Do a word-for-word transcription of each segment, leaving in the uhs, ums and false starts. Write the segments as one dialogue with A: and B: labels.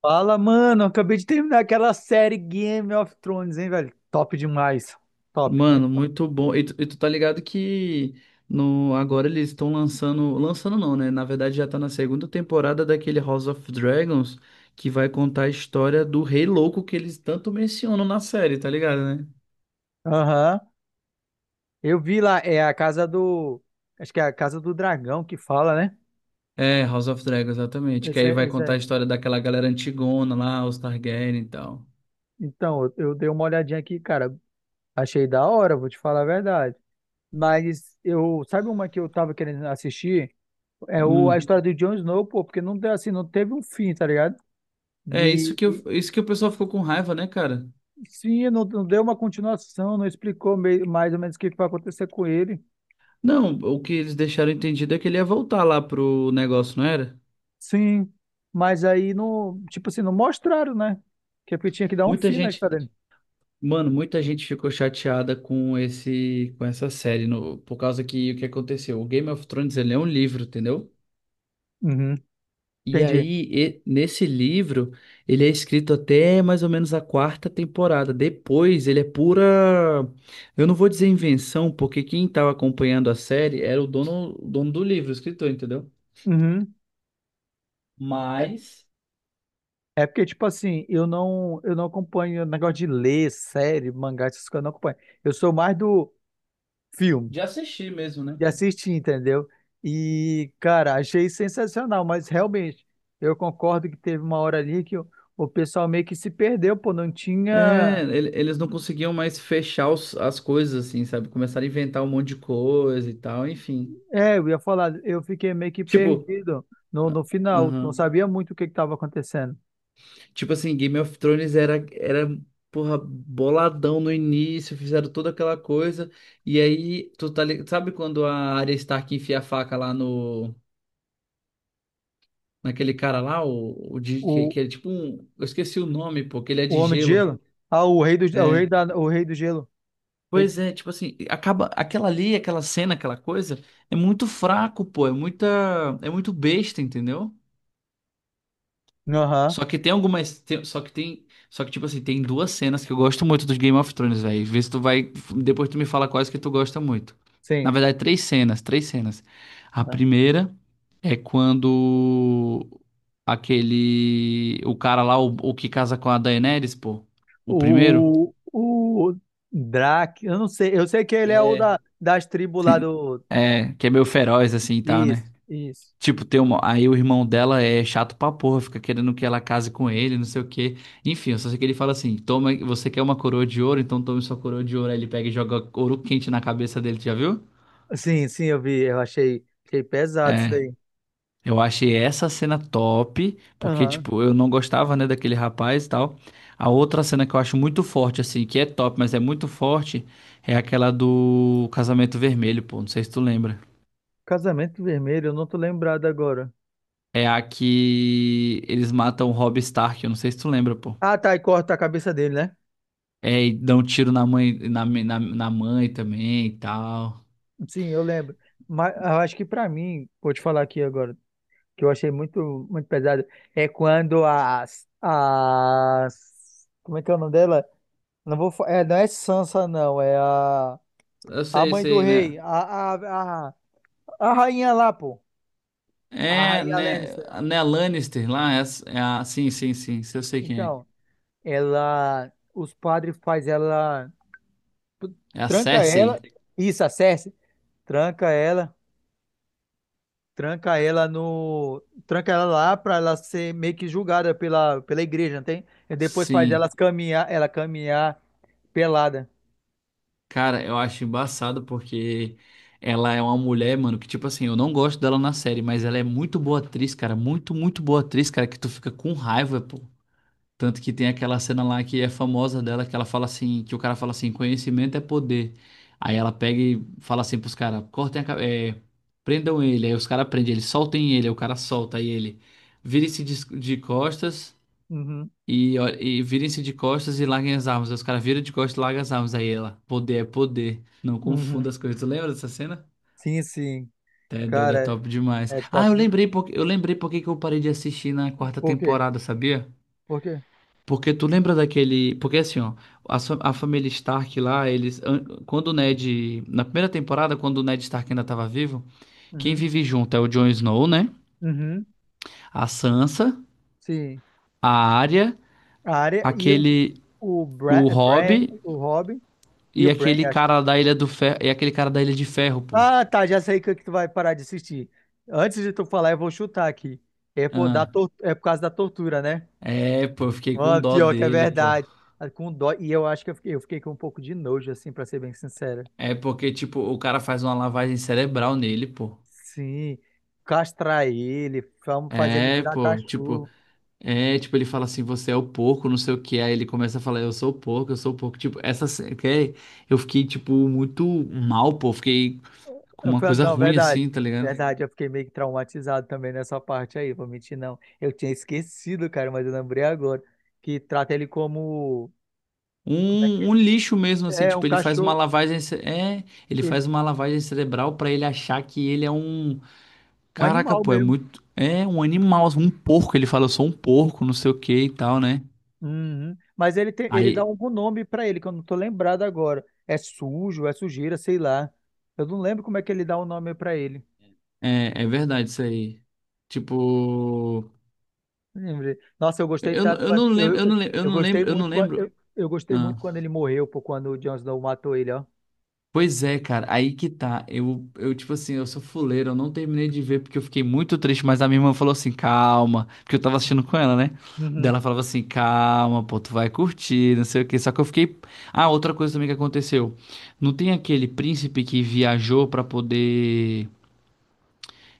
A: Fala, mano. Acabei de terminar aquela série Game of Thrones, hein, velho? Top demais. Top, muito
B: Mano,
A: top.
B: muito bom. E tu, e tu tá ligado que no, agora eles estão lançando. Lançando não, né? Na verdade já tá na segunda temporada daquele House of Dragons que vai contar a história do Rei Louco que eles tanto mencionam na série, tá ligado, né?
A: Aham. Eu vi lá, é a casa do. Acho que é a casa do dragão que fala, né?
B: É, House of Dragons, exatamente. Que
A: Esse
B: aí
A: é,
B: vai
A: esse
B: contar a
A: é.
B: história daquela galera antigona lá, os Targaryen e tal.
A: Então, eu, eu dei uma olhadinha aqui, cara. Achei da hora, vou te falar a verdade. Mas eu. Sabe uma que eu tava querendo assistir? É o, a
B: Hum.
A: história do Jon Snow, pô, porque não, deu assim, não teve um fim, tá ligado?
B: É isso
A: E
B: que eu, isso que o pessoal ficou com raiva, né, cara?
A: sim, não, não deu uma continuação, não explicou meio- mais ou menos o que que vai acontecer com ele.
B: Não, o que eles deixaram entendido é que ele ia voltar lá pro negócio, não era?
A: Sim, mas aí não, tipo assim, não mostraram, né? Que é porque tinha que dar um
B: Muita
A: fim na
B: gente.
A: história dele.
B: Mano, muita gente ficou chateada com esse, com essa série, no- por causa que o que aconteceu? O Game of Thrones, ele é um livro, entendeu?
A: Uhum,
B: E
A: entendi.
B: aí, e- nesse livro, ele é escrito até mais ou menos a quarta temporada. Depois, ele é pura. Eu não vou dizer invenção, porque quem estava acompanhando a série era o dono, o dono do livro, o escritor, entendeu?
A: Uhum. É,
B: Mas
A: é porque, tipo assim, eu não, eu não acompanho negócio de ler, série, mangá, essas coisas, eu não acompanho. Eu sou mais do filme,
B: de assistir mesmo, né?
A: de assistir, entendeu? E, cara, achei sensacional, mas realmente, eu concordo que teve uma hora ali que o, o pessoal meio que se perdeu, pô, não tinha.
B: É, ele- eles não conseguiam mais fechar os- as coisas, assim, sabe? Começaram a inventar um monte de coisa e tal, enfim.
A: É, eu ia falar, eu fiquei meio que
B: Tipo,
A: perdido no, no final, não
B: aham.
A: sabia muito o que estava acontecendo.
B: Tipo assim, Game of Thrones era, era, porra, boladão no início, fizeram toda aquela coisa. E aí, tu tá ligado? Sabe quando a Arya Stark enfia a faca lá no. Naquele cara lá, o, o de, que,
A: O,
B: que é tipo um. Eu esqueci o nome, pô, que ele é
A: o
B: de
A: Homem de
B: gelo.
A: Gelo? Ah, o Rei do, o rei
B: É.
A: da, o Rei do Gelo. Rei-
B: Pois é, tipo assim, acaba. Aquela ali, aquela cena, aquela coisa, é muito fraco, pô. É muita. É muito besta, entendeu?
A: Aham,
B: Só que tem algumas. Tem- só que tem. Só que, tipo assim, tem duas cenas que eu gosto muito dos Game of Thrones, velho. Vê se tu vai. Depois tu me fala quais que tu gosta muito. Na
A: sim.
B: verdade, três cenas, três cenas. A
A: Aham.
B: primeira é quando aquele. O cara lá, o, o que casa com a Daenerys, pô. O primeiro.
A: O, o Drac, eu não sei, eu sei que ele é o
B: É.
A: da, das tribos lá
B: Sim.
A: do…
B: É, que é meio feroz, assim e tal, né?
A: Isso, isso.
B: Tipo, tem uma aí o irmão dela é chato pra porra, fica querendo que ela case com ele, não sei o quê. Enfim, eu só sei que ele fala assim: toma, você quer uma coroa de ouro, então tome sua coroa de ouro. Aí ele pega e joga ouro quente na cabeça dele, tu já viu?
A: Sim, sim, eu vi, eu achei, achei pesado isso
B: É.
A: daí.
B: Eu achei essa cena top, porque,
A: Aham.
B: tipo, eu não gostava, né, daquele rapaz e tal. A outra cena que eu acho muito forte, assim, que é top, mas é muito forte, é aquela do casamento vermelho, pô. Não sei se tu lembra.
A: Casamento Vermelho, eu não tô lembrado agora.
B: É a que eles matam o Robb Stark, eu não sei se tu lembra, pô.
A: Ah, tá, e corta a cabeça dele, né?
B: É, e dá um tiro na mãe, na, na, na mãe também e tal.
A: Sim, eu lembro. Mas eu acho que pra mim, vou te falar aqui agora, que eu achei muito, muito pesado, é quando as, as, como é que é o nome dela? Não vou, fa- é, não é Sansa, não, é a,
B: Eu
A: a
B: sei,
A: mãe do
B: sei, né?
A: rei, a, a, a, a rainha lá, pô, a
B: É,
A: rainha
B: né?
A: Lannister.
B: Né, a Lannister lá, é, a- é a, sim, sim, sim, eu sei quem
A: Então, ela, os padres faz ela,
B: é. É a
A: tranca ela,
B: Cersei?
A: isso, a Cersei, tranca ela, tranca ela no. Tranca ela lá pra ela ser meio que julgada pela, pela igreja, não tem? E depois faz elas
B: Sim.
A: caminhar, ela caminhar pelada.
B: Cara, eu acho embaçado porque ela é uma mulher, mano, que tipo assim, eu não gosto dela na série, mas ela é muito boa atriz, cara, muito, muito boa atriz, cara, que tu fica com raiva, pô. Tanto que tem aquela cena lá que é famosa dela, que ela fala assim, que o cara fala assim, conhecimento é poder. Aí ela pega e fala assim pros caras, cortem a, ca- é, prendam ele. Aí os caras prendem ele, soltem ele, aí o cara solta aí ele. Virem-se de, de costas
A: Uhum,
B: e, ó- e virem-se de costas e larguem as armas. Aí os caras viram de costas e largam as armas. Aí ela, poder é poder. Não
A: uhum.
B: confunda as coisas. Tu lembra dessa cena?
A: Sim, sim.
B: É doido, é
A: Cara,
B: top demais.
A: é
B: Ah, eu
A: top de.
B: lembrei porque eu lembrei porque que eu parei de assistir na quarta
A: Por quê?
B: temporada, sabia?
A: Por quê?
B: Porque tu lembra daquele. Porque assim, ó, a, sua- a família Stark lá, eles. an- Quando o Ned. Na primeira temporada, quando o Ned Stark ainda tava vivo, quem
A: Uhum,
B: vive junto é o Jon Snow, né?
A: uhum.
B: A Sansa,
A: Sim.
B: a Arya,
A: A área e os,
B: aquele.
A: o Bra,
B: O Robb
A: Bran, o Robin e
B: e
A: o Bran,
B: aquele
A: acho que.
B: cara da Ilha do Ferro. E aquele cara da Ilha de Ferro, pô.
A: Ah, tá, já sei que, que tu vai parar de assistir. Antes de tu falar, eu vou chutar aqui. É por, da,
B: Ah,
A: tor- é por causa da tortura, né?
B: é, pô, eu fiquei com
A: Mano,
B: dó
A: pior que é
B: dele, pô.
A: verdade. Ah, com dó. E eu acho que eu fiquei, eu fiquei com um pouco de nojo, assim, pra ser bem sincero.
B: É porque, tipo, o cara faz uma lavagem cerebral nele, pô.
A: Sim. Castrar ele, vamos fazer ele
B: É,
A: virar
B: pô, tipo.
A: cachorro.
B: É, tipo, ele fala assim, você é o porco, não sei o que. Aí ele começa a falar, eu sou o porco, eu sou o porco. Tipo, essa cena que é- eu fiquei, tipo, muito mal, pô. Fiquei com
A: Eu
B: uma
A: falei,
B: coisa
A: não,
B: ruim,
A: verdade.
B: assim, tá ligado?
A: Verdade, eu fiquei meio que traumatizado também nessa parte aí, vou mentir não. Eu tinha esquecido, cara, mas eu lembrei agora que trata ele como, como é que
B: Um, um lixo mesmo,
A: é?
B: assim,
A: É um
B: tipo, ele faz uma
A: cachorro,
B: lavagem. ce- É, ele
A: ele,
B: faz uma lavagem cerebral pra ele achar que ele é um.
A: um
B: Caraca,
A: animal
B: pô, é
A: mesmo.
B: muito. É um animal, um porco. Ele fala, eu sou um porco, não sei o que e tal, né?
A: Uhum. Mas ele tem, ele dá
B: Aí,
A: algum nome pra ele, que eu não tô lembrado agora. É sujo, é sujeira, sei lá. Eu não lembro como é que ele dá o nome pra ele.
B: é, é verdade isso aí. Tipo.
A: Lembrei. Nossa, eu gostei
B: Eu,
A: tanto.
B: eu
A: quando-
B: não lembro,
A: Eu,
B: eu não lembro, eu
A: eu
B: não
A: gostei
B: lembro, eu não
A: muito quando eu,
B: lembro.
A: eu gostei
B: ah,
A: muito quando ele morreu, pô, quando o Jon Snow matou ele, ó.
B: Pois é, cara, aí que tá. Eu, eu, tipo assim, eu sou fuleiro, eu não terminei de ver porque eu fiquei muito triste, mas a minha irmã falou assim, calma, porque eu tava assistindo com ela, né? Daí
A: Uhum,
B: ela falava assim, calma, pô, tu vai curtir, não sei o quê. Só que eu fiquei. Ah, outra coisa também que aconteceu. Não tem aquele príncipe que viajou pra poder.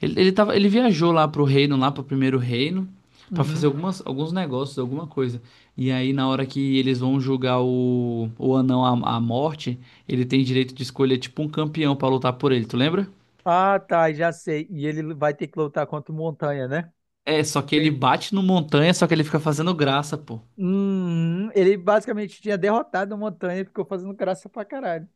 B: Ele, ele tava, ele viajou lá pro reino, lá pro primeiro reino, pra fazer
A: uhum.
B: algumas, alguns negócios, alguma coisa. E aí, na hora que eles vão julgar o, o anão à, à morte, ele tem direito de escolher, tipo, um campeão pra lutar por ele, tu lembra?
A: Ah, tá, já sei. E ele vai ter que lutar contra o Montanha, né?
B: É, só que
A: Bem-
B: ele bate no Montanha, só que ele fica fazendo graça, pô.
A: Uhum. Ele basicamente tinha derrotado o Montanha e ficou fazendo graça pra caralho.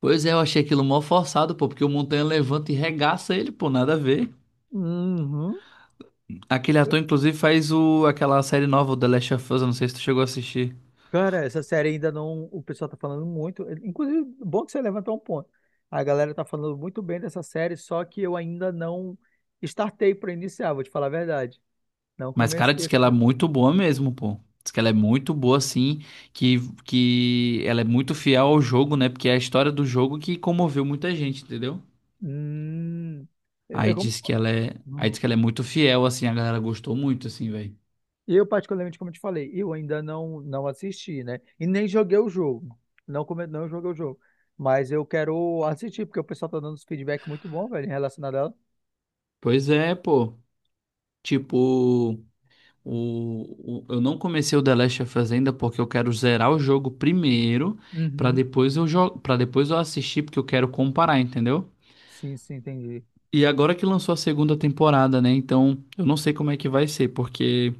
B: Pois é, eu achei aquilo mó forçado, pô, porque o Montanha levanta e regaça ele, pô, nada a ver.
A: Uhum.
B: Aquele ator, inclusive, faz o, aquela série nova, o The Last of Us, eu não sei se tu chegou a assistir.
A: Cara, essa série ainda não. O pessoal tá falando muito. eh, Inclusive, bom que você levantou um ponto. A galera tá falando muito bem dessa série, só que eu ainda não startei pra iniciar, vou te falar a verdade. Não
B: Mas, cara,
A: comecei
B: diz que ela é
A: essa.
B: muito boa mesmo, pô. Diz que ela é muito boa, assim, que, que ela é muito fiel ao jogo, né? Porque é a história do jogo que comoveu muita gente, entendeu?
A: Hum,
B: Aí
A: eu, como-
B: diz que ela é, aí
A: hum.
B: diz que ela é muito fiel, assim, a galera gostou muito, assim, velho.
A: Eu, particularmente, como eu te falei, eu ainda não, não assisti, né? E nem joguei o jogo. Não, come… não joguei o jogo. Mas eu quero assistir, porque o pessoal tá dando uns feedback muito bom, velho, em relação a ela.
B: Pois é, pô. Tipo, o, o- eu não comecei o The Last of Us ainda porque eu quero zerar o jogo primeiro, pra
A: Uhum.
B: depois eu jogo, para depois eu assistir, porque eu quero comparar, entendeu?
A: Sim, sim, entendi.
B: E agora que lançou a segunda temporada, né? Então, eu não sei como é que vai ser, porque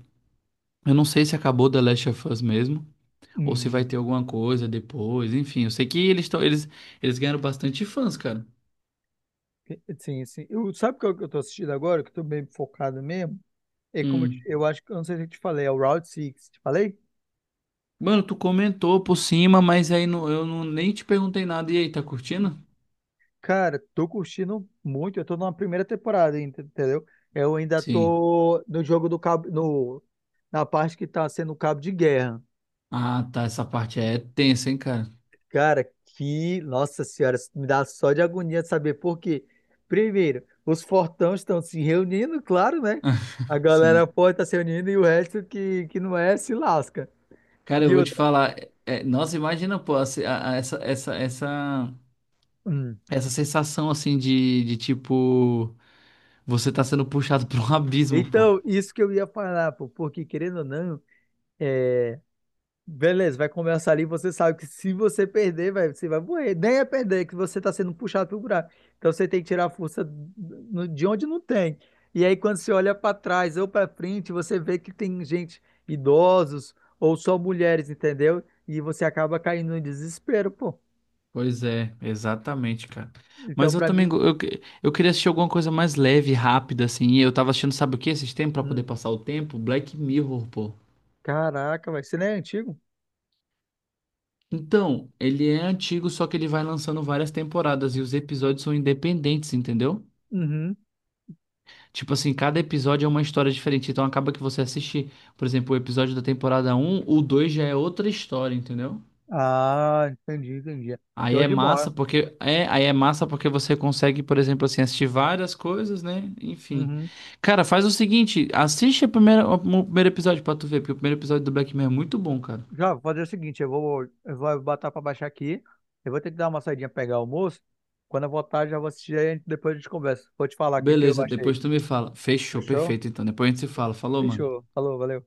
B: eu não sei se acabou The Last of Us mesmo, ou se vai
A: Uhum.
B: ter alguma coisa depois, enfim. Eu sei que eles estão, eles, eles ganharam bastante fãs, cara.
A: Sim, sim. Eu, sabe qual que eu tô assistindo agora, que eu tô bem focado mesmo? É como eu, te-
B: Hum.
A: eu acho que, eu não sei se eu te falei, é o Route Six Te falei?
B: Mano, tu comentou por cima, mas aí não, eu não, nem te perguntei nada. E aí, tá curtindo?
A: Cara, tô curtindo muito. Eu tô numa primeira temporada, ent- entendeu? Eu ainda
B: Sim.
A: tô no jogo do cabo, no, na parte que tá sendo o cabo de guerra.
B: Ah, tá. Essa parte é tensa, hein, cara?
A: Cara, que, nossa senhora, isso me dá só de agonia de saber por quê. Primeiro, os fortões estão se reunindo, claro, né? A galera
B: Sim.
A: pode estar se reunindo e o resto que, que não é se lasca.
B: Cara, eu
A: E
B: vou te
A: outra.
B: falar. é- é- nossa, imagina, pô, a- a- essa, essa, essa,
A: Hum,
B: essa sensação assim de, de tipo. Você tá sendo puxado pra um abismo, pô.
A: então, isso que eu ia falar, pô, porque querendo ou não, beleza, vai começar ali, você sabe que se você perder, vai, você vai morrer. Nem é perder, é que você tá sendo puxado pro buraco. Então você tem que tirar a força no- de onde não tem. E aí quando você olha para trás ou para frente, você vê que tem gente, idosos ou só mulheres, entendeu? E você acaba caindo em desespero, pô.
B: Pois é, exatamente, cara.
A: Então,
B: Mas eu
A: para mim,
B: também. go- Eu, que- eu queria assistir alguma coisa mais leve, rápida, assim. E eu tava assistindo, sabe o que? Esses tempos pra poder
A: hum,
B: passar o tempo? Black Mirror, pô.
A: caraca, vai, você não é antigo?
B: Então, ele é antigo, só que ele vai lançando várias temporadas e os episódios são independentes, entendeu?
A: Uhum.
B: Tipo assim, cada episódio é uma história diferente. Então acaba que você assiste, por exemplo, o episódio da temporada um, o dois já é outra história, entendeu?
A: Ah, entendi, entendi.
B: Aí
A: Show
B: é
A: de
B: massa
A: bola.
B: porque é, aí é massa porque você consegue, por exemplo, assim, assistir várias coisas, né? Enfim.
A: Uhum.
B: Cara, faz o seguinte, assiste a primeira, o primeiro episódio pra tu ver, porque o primeiro episódio do Black Mirror é muito bom, cara.
A: Já, vou fazer o seguinte, eu vou, eu vou botar para baixar aqui. Eu vou ter que dar uma saidinha pegar o almoço. Quando eu voltar, já vou assistir aí, depois a gente conversa. Vou te falar o que que eu
B: Beleza,
A: achei.
B: depois tu me fala. Fechou,
A: Fechou?
B: perfeito, então. Depois a gente se fala. Falou, mano.
A: Fechou. Falou, valeu.